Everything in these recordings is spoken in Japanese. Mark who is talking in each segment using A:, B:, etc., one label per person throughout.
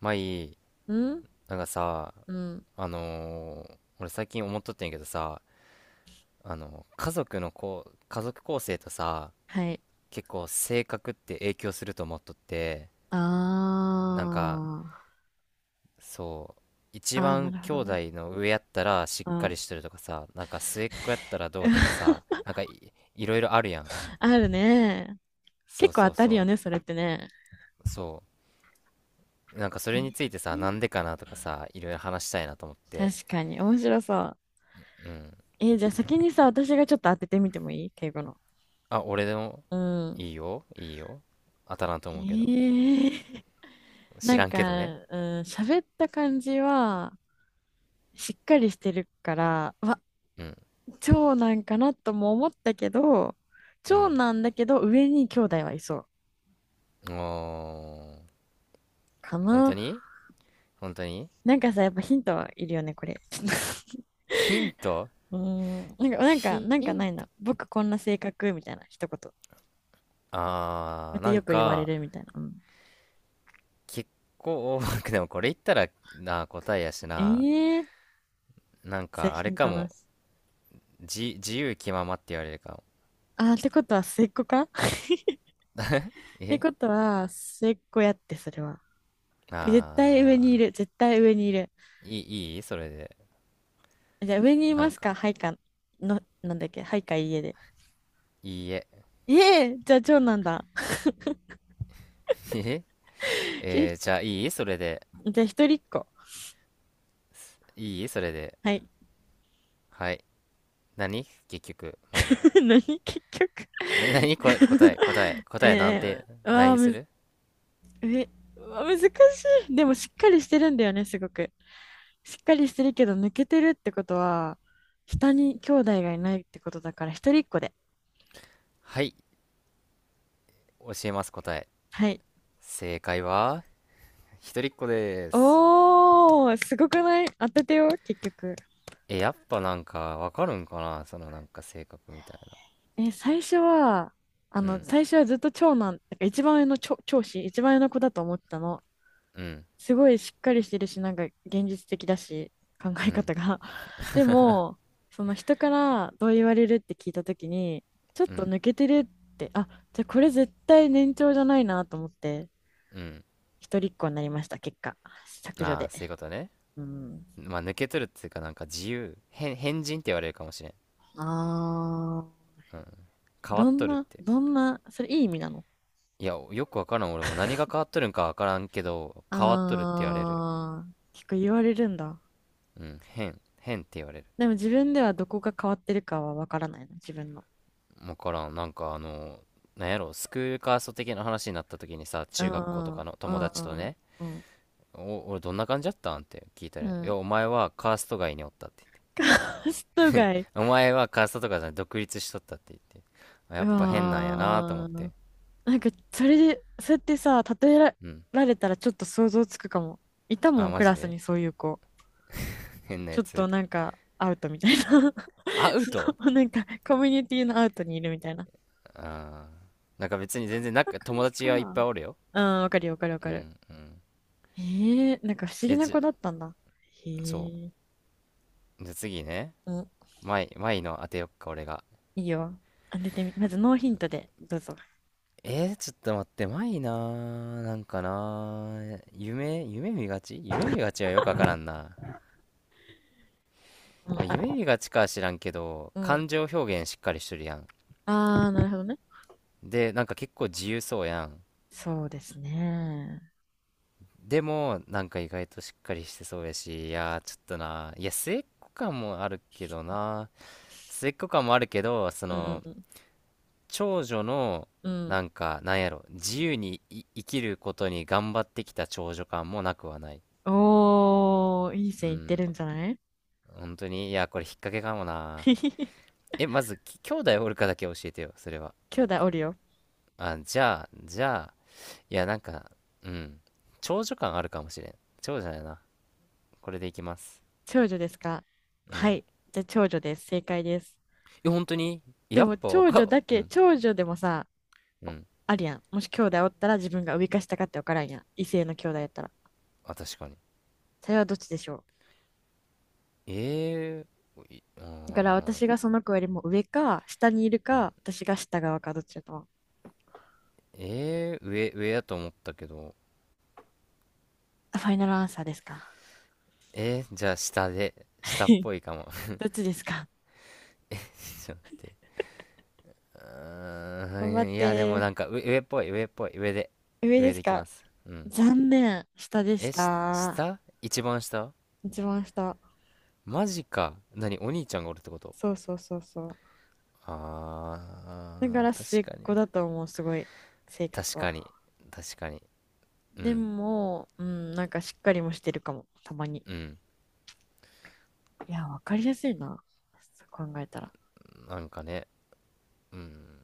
A: まあいい。
B: うん、
A: なんかさ、
B: うん。
A: 俺最近思っとってんやけどさ、家族の家族構成とさ、
B: はい。
A: 結構性格って影響すると思っとって、なんか
B: あ
A: そう、
B: あ、
A: 一
B: ああ、な
A: 番
B: るほ
A: 兄
B: ど
A: 弟
B: ね。
A: の上やったらし
B: う
A: っかり
B: ん。
A: してるとかさ、なんか末っ子やったらどうとかさ、 いろいろあるやん。
B: あるね。
A: そう
B: 結構
A: そ
B: 当
A: う
B: たるよ
A: そ
B: ね、それってね。
A: うそう。なんかそれについてさ、な
B: ね、
A: んでかなとかさ、いろいろ話したいなと思って。
B: 確かに、面白そう。
A: うん。
B: じゃあ先にさ、私がちょっと当ててみてもいい敬語の。
A: あ、俺でも、
B: うん。
A: いいよ、いいよ。当たらんと
B: え
A: 思うけど。
B: ー、な
A: 知
B: ん
A: らん
B: か、
A: けどね。
B: うん、喋った感じは、しっかりしてるから、うわ、
A: うん、
B: 長男かなとも思ったけど、
A: う
B: 長
A: ん。
B: 男だけど、上に兄弟はいそう。
A: お
B: か
A: ー、本当
B: な。
A: に。本当に。
B: なんかさ、やっぱヒントいるよね、これ。ちょっと
A: ヒント。
B: なんか、なんか、なん
A: ヒ
B: かな
A: ント。
B: いな。僕こんな性格みたいな、一言。こうやって
A: な
B: よ
A: ん
B: く言われ
A: か、
B: るみたいな。うん、
A: 結構、でもこれ言ったらな、答えやし
B: え
A: な。
B: えー、
A: なん
B: じゃあ
A: か、あ
B: ヒ
A: れ
B: ン
A: か
B: トな
A: も。
B: し。
A: 自由気ままって言われるかも。
B: あー、ってことは末っ子か って
A: え
B: ことは末っ子やって、それは。
A: あ
B: 絶対上にいる、絶対上にいる。
A: ー、いいそれで。
B: じゃあ上にい
A: な
B: ま
A: ん
B: す
A: か、
B: かはいか、の、なんだっけはいか家で。
A: いいえ。
B: ええー、じゃあ長男だ。
A: え
B: え、
A: え
B: じ
A: ーじゃあいいそれで。
B: ゃあ一人っ子。
A: いいそれで。
B: はい。
A: はい。何結局、まあいいわ。
B: 何結局。
A: ね、何答えなん
B: え
A: て、何
B: わあ
A: にす
B: むず、
A: る？
B: え、うわ難しい。でもしっかりしてるんだよね、すごく。しっかりしてるけど抜けてるってことは、下に兄弟がいないってことだから、一人っ子で。
A: はい、教えます答え。
B: はい。
A: 正解は、一人っ子です。
B: おー、すごくない、当ててよ、結局。
A: え、やっぱなんか、わかるんかな、そのなんか性格みたいな。
B: え、最初は、あ
A: う
B: の、
A: ん、
B: 最初はずっと長男、だから一番上の長子、一番上の子だと思ってたの。
A: うん、
B: すごいしっかりしてるし、なんか現実的だし、考
A: う
B: え
A: ん、
B: 方が。でも、その人からどう言われるって聞いたときに、ちょっ
A: う
B: と
A: ん、
B: 抜けてるって、あ、じゃあこれ絶対年長じゃないなと思って、
A: うん。
B: 一人っ子になりました、結果。削除
A: ああ、
B: で。
A: そういうことね。
B: うん。
A: まあ、抜けとるっていうか、なんか自由。変人って言われるかもしれん。
B: あー、
A: うん。変わっ
B: どん
A: とるっ
B: な、
A: て。
B: どんな、それいい意味なの？
A: いや、よくわからん。俺も何が変わっとるんかわからんけど、変わっとるって言われる。
B: あ、あー結構言われるんだ。
A: うん、変って言われる。
B: でも自分ではどこが変わってるかはわからないの、自分の。
A: 分からん。なんか、なんやろ、スクールカースト的な話になった時にさ、
B: う
A: 中学校と
B: ん、う
A: か
B: ん、
A: の友
B: う
A: 達と
B: ん、
A: ね、
B: うん。
A: 俺どんな感じだったんって聞いたら、
B: う
A: いや
B: ん。
A: お前はカースト外におったって言っ
B: カースト街。
A: て、お前はカーストとかじゃない独立しとったって言って、あや
B: う
A: っぱ変なんやなと思っ
B: わ
A: て。
B: ー。なんか、それで、そうやってさ、例え
A: うん。
B: られたらちょっと想像つくかも。いたも
A: あ
B: ん、ク
A: マジ
B: ラス
A: で。
B: にそういう子。
A: 変な
B: ちょ
A: や
B: っ
A: つ。
B: となんか、アウトみたいな。
A: アウ
B: そ
A: ト。
B: の、なんか、コミュニティのアウトにいるみたいな。
A: あなんか別に全
B: そん
A: 然なん
B: な
A: か友
B: 感じ
A: 達
B: か
A: がいっ
B: な。
A: ぱいおるよ。
B: うん、わかるよ、わかるわ
A: う
B: か
A: ん
B: る。
A: うん。
B: へえ、なんか不思議
A: え
B: な
A: じ
B: 子だっ
A: ゃ
B: たんだ。へ
A: そ
B: え、
A: う、じゃあ次ね、
B: うん、
A: マイの当てよっか俺が。
B: いいよ。当ててみ、まずノーヒントで、どうぞ。
A: ちょっと待って、マイなー、なんかなー、夢見がちはよくわからんな。
B: うん、
A: 夢
B: あ、
A: 見がちかは知らんけど、
B: うん。
A: 感情表現しっかりしとるやん。
B: あー、なるほどね。
A: で、なんか結構自由そうやん。
B: そうですね。
A: でも、なんか意外としっかりしてそうやし、いやー、ちょっとなー、いや、末っ子感もあるけどな、末っ子感もあるけど、そ
B: う
A: の、
B: ん、
A: 長女の、
B: うん。
A: なんか、なんやろ、自由に生きることに頑張ってきた長女感もなくはない。
B: おー、いい
A: う
B: 線いって
A: ん。
B: るんじゃない？
A: 本当に。いや、これ引っ掛けかもな。え、まず、兄弟おるかだけ教えてよ、それは。
B: 兄弟おるよ。
A: あ、じゃあ、いや、なんか、うん。長女感あるかもしれん。長女やな。これでいきます。
B: 長女ですか？
A: う
B: は
A: ん。
B: い。じゃあ長女です。正解です。
A: え、本当に。
B: で
A: や
B: も
A: っぱわ
B: 長女
A: か
B: だ
A: う
B: け、
A: ん。
B: 長女でもさ、
A: う
B: お、
A: ん。
B: あるやん。もし兄弟おったら自分が上か下かって分からんやん。異性の兄弟やったら。
A: あ、確かに。
B: それはどっちでしょう？
A: えー、い
B: だから
A: あ
B: 私が
A: ー
B: その子よりも上か、下にいる
A: うん。
B: か、私が下側か、どっちだと思う？
A: えー、上やと思ったけど。
B: あ、ファイナルアンサーですか？
A: えー、じゃあ下で、下っ ぽいかも。
B: どっちですか？
A: う
B: 頑張っ
A: ーん、いや、でもな
B: て。
A: んか上っぽい、上っぽい、
B: 上で
A: 上
B: す
A: でいきま
B: か？
A: す。うん。
B: 残念。下でし
A: え、
B: た。
A: 下。一番下？
B: 一番下。
A: マジか。何お兄ちゃんがおるってこと？
B: そうそうそうそう。だから末っ
A: 確かに
B: 子
A: ね。
B: だと思う、すごい、性
A: 確
B: 格は。
A: かに。確かに。う
B: で
A: ん。
B: も、うん、なんかしっかりもしてるかも、たまに。
A: うん。
B: いや、わかりやすいな、そう考えたら。
A: なんかね。うん。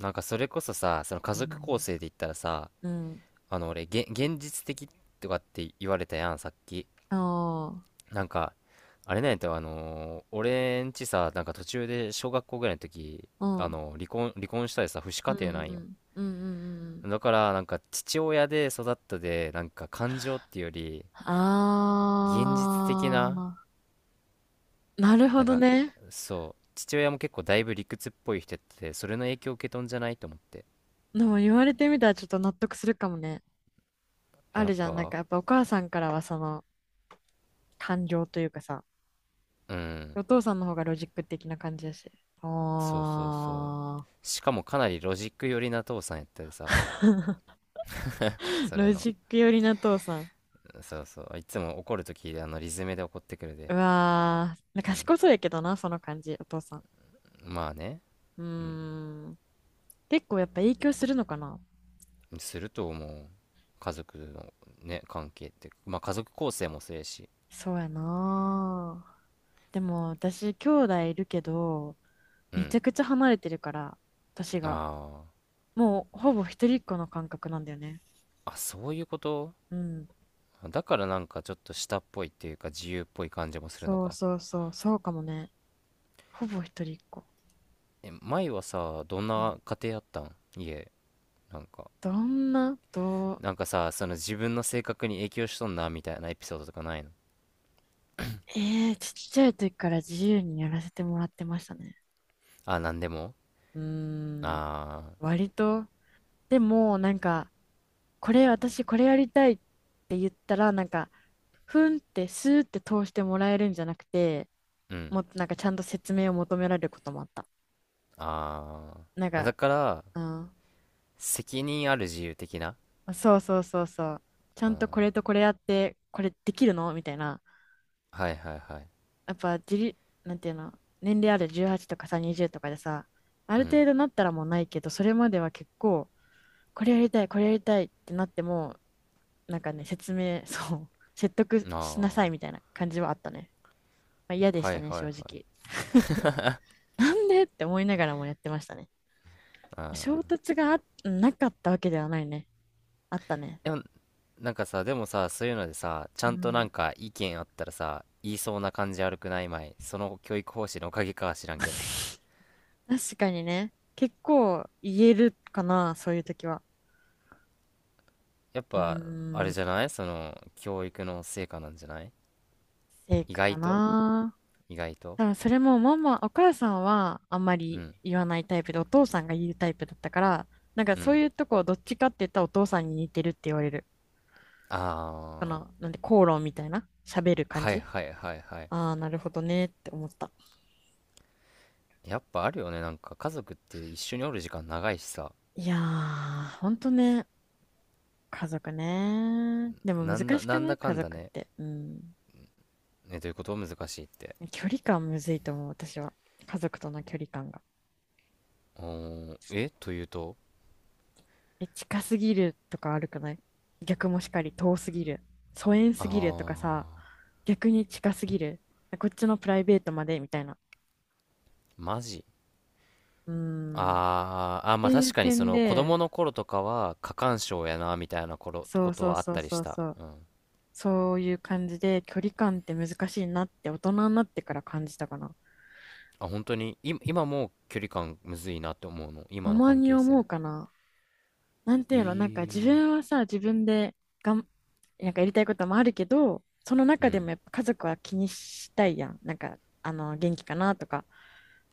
A: なんかそれこそさ、その家
B: う
A: 族構
B: ん。
A: 成で言ったらさ、
B: うん。
A: 俺、現実的とかって言われたやん、さっき。
B: あ
A: なんか、あれなんやったよ、俺んちさ、なんか途中で小学校ぐらいの時、
B: あ、うん。
A: 離婚したりさ、父子
B: う
A: 家
B: んう
A: 庭なんよ。
B: ん。うんうんうん。
A: だからなんか父親で育ったで、なんか感情っていうより
B: あ
A: 現実的な、
B: あ、なるほ
A: なん
B: ど
A: か、
B: ね。
A: そう父親も結構だいぶ理屈っぽい人やってて、それの影響を受けとんじゃないと思って。
B: でも言われてみたらちょっと納得するかもね。あ
A: や
B: る
A: っ
B: じゃん、なん
A: ぱ。
B: かやっぱお母さんからはその感情というかさ、
A: うん。
B: お父さんの方がロジック的な感じだし。
A: そうそうそう。
B: あ
A: しかもかなりロジック寄りな父さんやったでさ、
B: ー、
A: それ
B: ロ
A: の
B: ジック寄りな父さん。
A: そうそういつも怒るときあのリズムで怒ってくる
B: う
A: で。
B: わー、
A: うん。
B: 賢そうやけどな、その感じ、お父さん。
A: まあね。
B: うーん、結構やっぱ影響するのかな。
A: すると思う、家族のね関係って。まあ家族構成もそうやし。
B: そうやなー。でも私、兄弟いるけど、
A: う
B: めち
A: ん。
B: ゃくちゃ離れてるから、私が。
A: ああ
B: もうほぼ一人っ子の感覚なんだよね。
A: あ、そういうこと。
B: うん。
A: だからなんかちょっと下っぽいっていうか自由っぽい感じもするのか。
B: そうかもね。ほぼ一人っ子。
A: え、前はさ、どん
B: うん。
A: な家庭やったん家、なんか。
B: どんな、どう、
A: なんかさ、その自分の性格に影響しとんなみたいなエピソードとかないの？
B: ええ、ちっちゃい時から自由にやらせてもらってましたね。
A: あ、なんでも？
B: うーん、
A: あ
B: 割と。でも、なんか、これ、私、これやりたいって言ったら、なんか、ふんって、スーって通してもらえるんじゃなくて、
A: あー、うん。
B: もっとなんか、ちゃんと説明を求められることもあった。
A: あ
B: なん
A: あ。だ
B: か、
A: から、
B: うん、
A: 責任ある自由的な。
B: そうそうそうそう。ちゃ
A: あ
B: んとこ
A: ー
B: れとこれやって、これできるのみたいな。
A: はいはいはい。
B: やっぱ、自立、なんていうの、年齢ある18とかさ、20とかでさ、あ
A: う
B: る
A: ん。
B: 程度なったらもうないけど、それまでは結構、これやりたい、これやりたいってなっても、なんかね、説明、そう、説得
A: あ
B: しなさいみたいな感じはあったね。まあ、嫌で
A: あ。
B: し
A: は
B: た
A: い
B: ね、
A: はいは
B: 正
A: い。
B: 直。なんでって思いながらもやってましたね。
A: あ
B: 衝
A: あ。
B: 突があなかったわけではないね。あったね。
A: でも、なんかさ、でもさ、そういうのでさ、ち
B: う
A: ゃんとなん
B: ん。
A: か意見あったらさ、言いそうな感じ悪くない、まい？その教育方針のおかげかは知らんけど。
B: 確かにね。結構言えるかな、そういう時は。
A: やっ
B: うー
A: ぱ、あれ
B: ん、
A: じゃない？その、教育の成果なんじゃない？
B: 成
A: 意
B: 果
A: 外
B: か
A: と。
B: な。
A: 意外と。
B: 多分それもママ、お母さんはあんま
A: う
B: り
A: ん、
B: 言わないタイプで、お父さんが言うタイプだったから、なんか
A: う
B: そう
A: ん。
B: いうとこどっちかって言ったらお父さんに似てるって言われる。こ
A: あ
B: の、なんで口論みたいな、喋る
A: あ、
B: 感
A: はい
B: じ。
A: はいはいはい。
B: ああ、なるほどねって思った。
A: やっぱあるよね、なんか家族って一緒におる時間長いしさ。
B: いやー、ほんとね、家族ね。でも難しく
A: なん
B: ない
A: だか
B: 家
A: んだ
B: 族っ
A: ね。
B: て？うん。
A: ね、どういうこと難しいって。
B: 距離感むずいと思う、私は。家族との距離感が。
A: おー、というと？
B: え、近すぎるとか悪くない？逆もしかり遠すぎる。疎遠すぎるとかさ、
A: あ
B: 逆に近すぎる。こっちのプライベートまでみたいな。
A: マジ。
B: うーん。って
A: まあ
B: い
A: 確
B: う
A: かにそ
B: 点
A: の子
B: で、
A: 供の頃とかは過干渉やなみたいな頃
B: そ
A: こ
B: う
A: と
B: そう
A: はあっ
B: そう
A: たりし
B: そう
A: た。
B: そう。
A: うん。
B: そういう感じで距離感って難しいなって大人になってから感じたかな。
A: あ、本当に、今もう距離感むずいなって思うの。
B: た
A: 今の
B: ま
A: 関
B: に
A: 係性
B: 思
A: も。
B: うかな。なんて
A: え
B: いうの、なんか自
A: ー、
B: 分はさ、自分でがん、なんかやりたいこともあるけど、その
A: う
B: 中でも
A: ん。
B: やっぱ家族は気にしたいやん。なんか、あの、元気かなとか。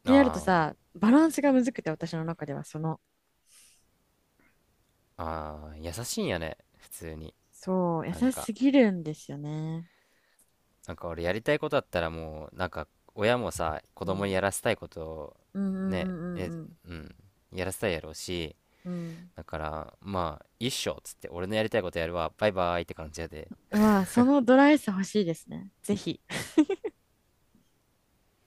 B: ってやると
A: あ
B: さ、バランスがむずくて、私の中ではその、
A: あ、ああ、優しいんやね。普通に。
B: そう、優
A: なん
B: し
A: か、
B: すぎるんですよね。
A: なんか俺やりたいことあったらもう、なんか親もさ、子供にやらせたいことを
B: うんうんう
A: ね、
B: んうん
A: うん、やらせたいやろうし、
B: うんうん。うん。
A: だから、まあ、一緒っつって、俺のやりたいことやるわ、バイバイって感じやで。
B: うわ、そのドライさ欲しいですね。ぜひ。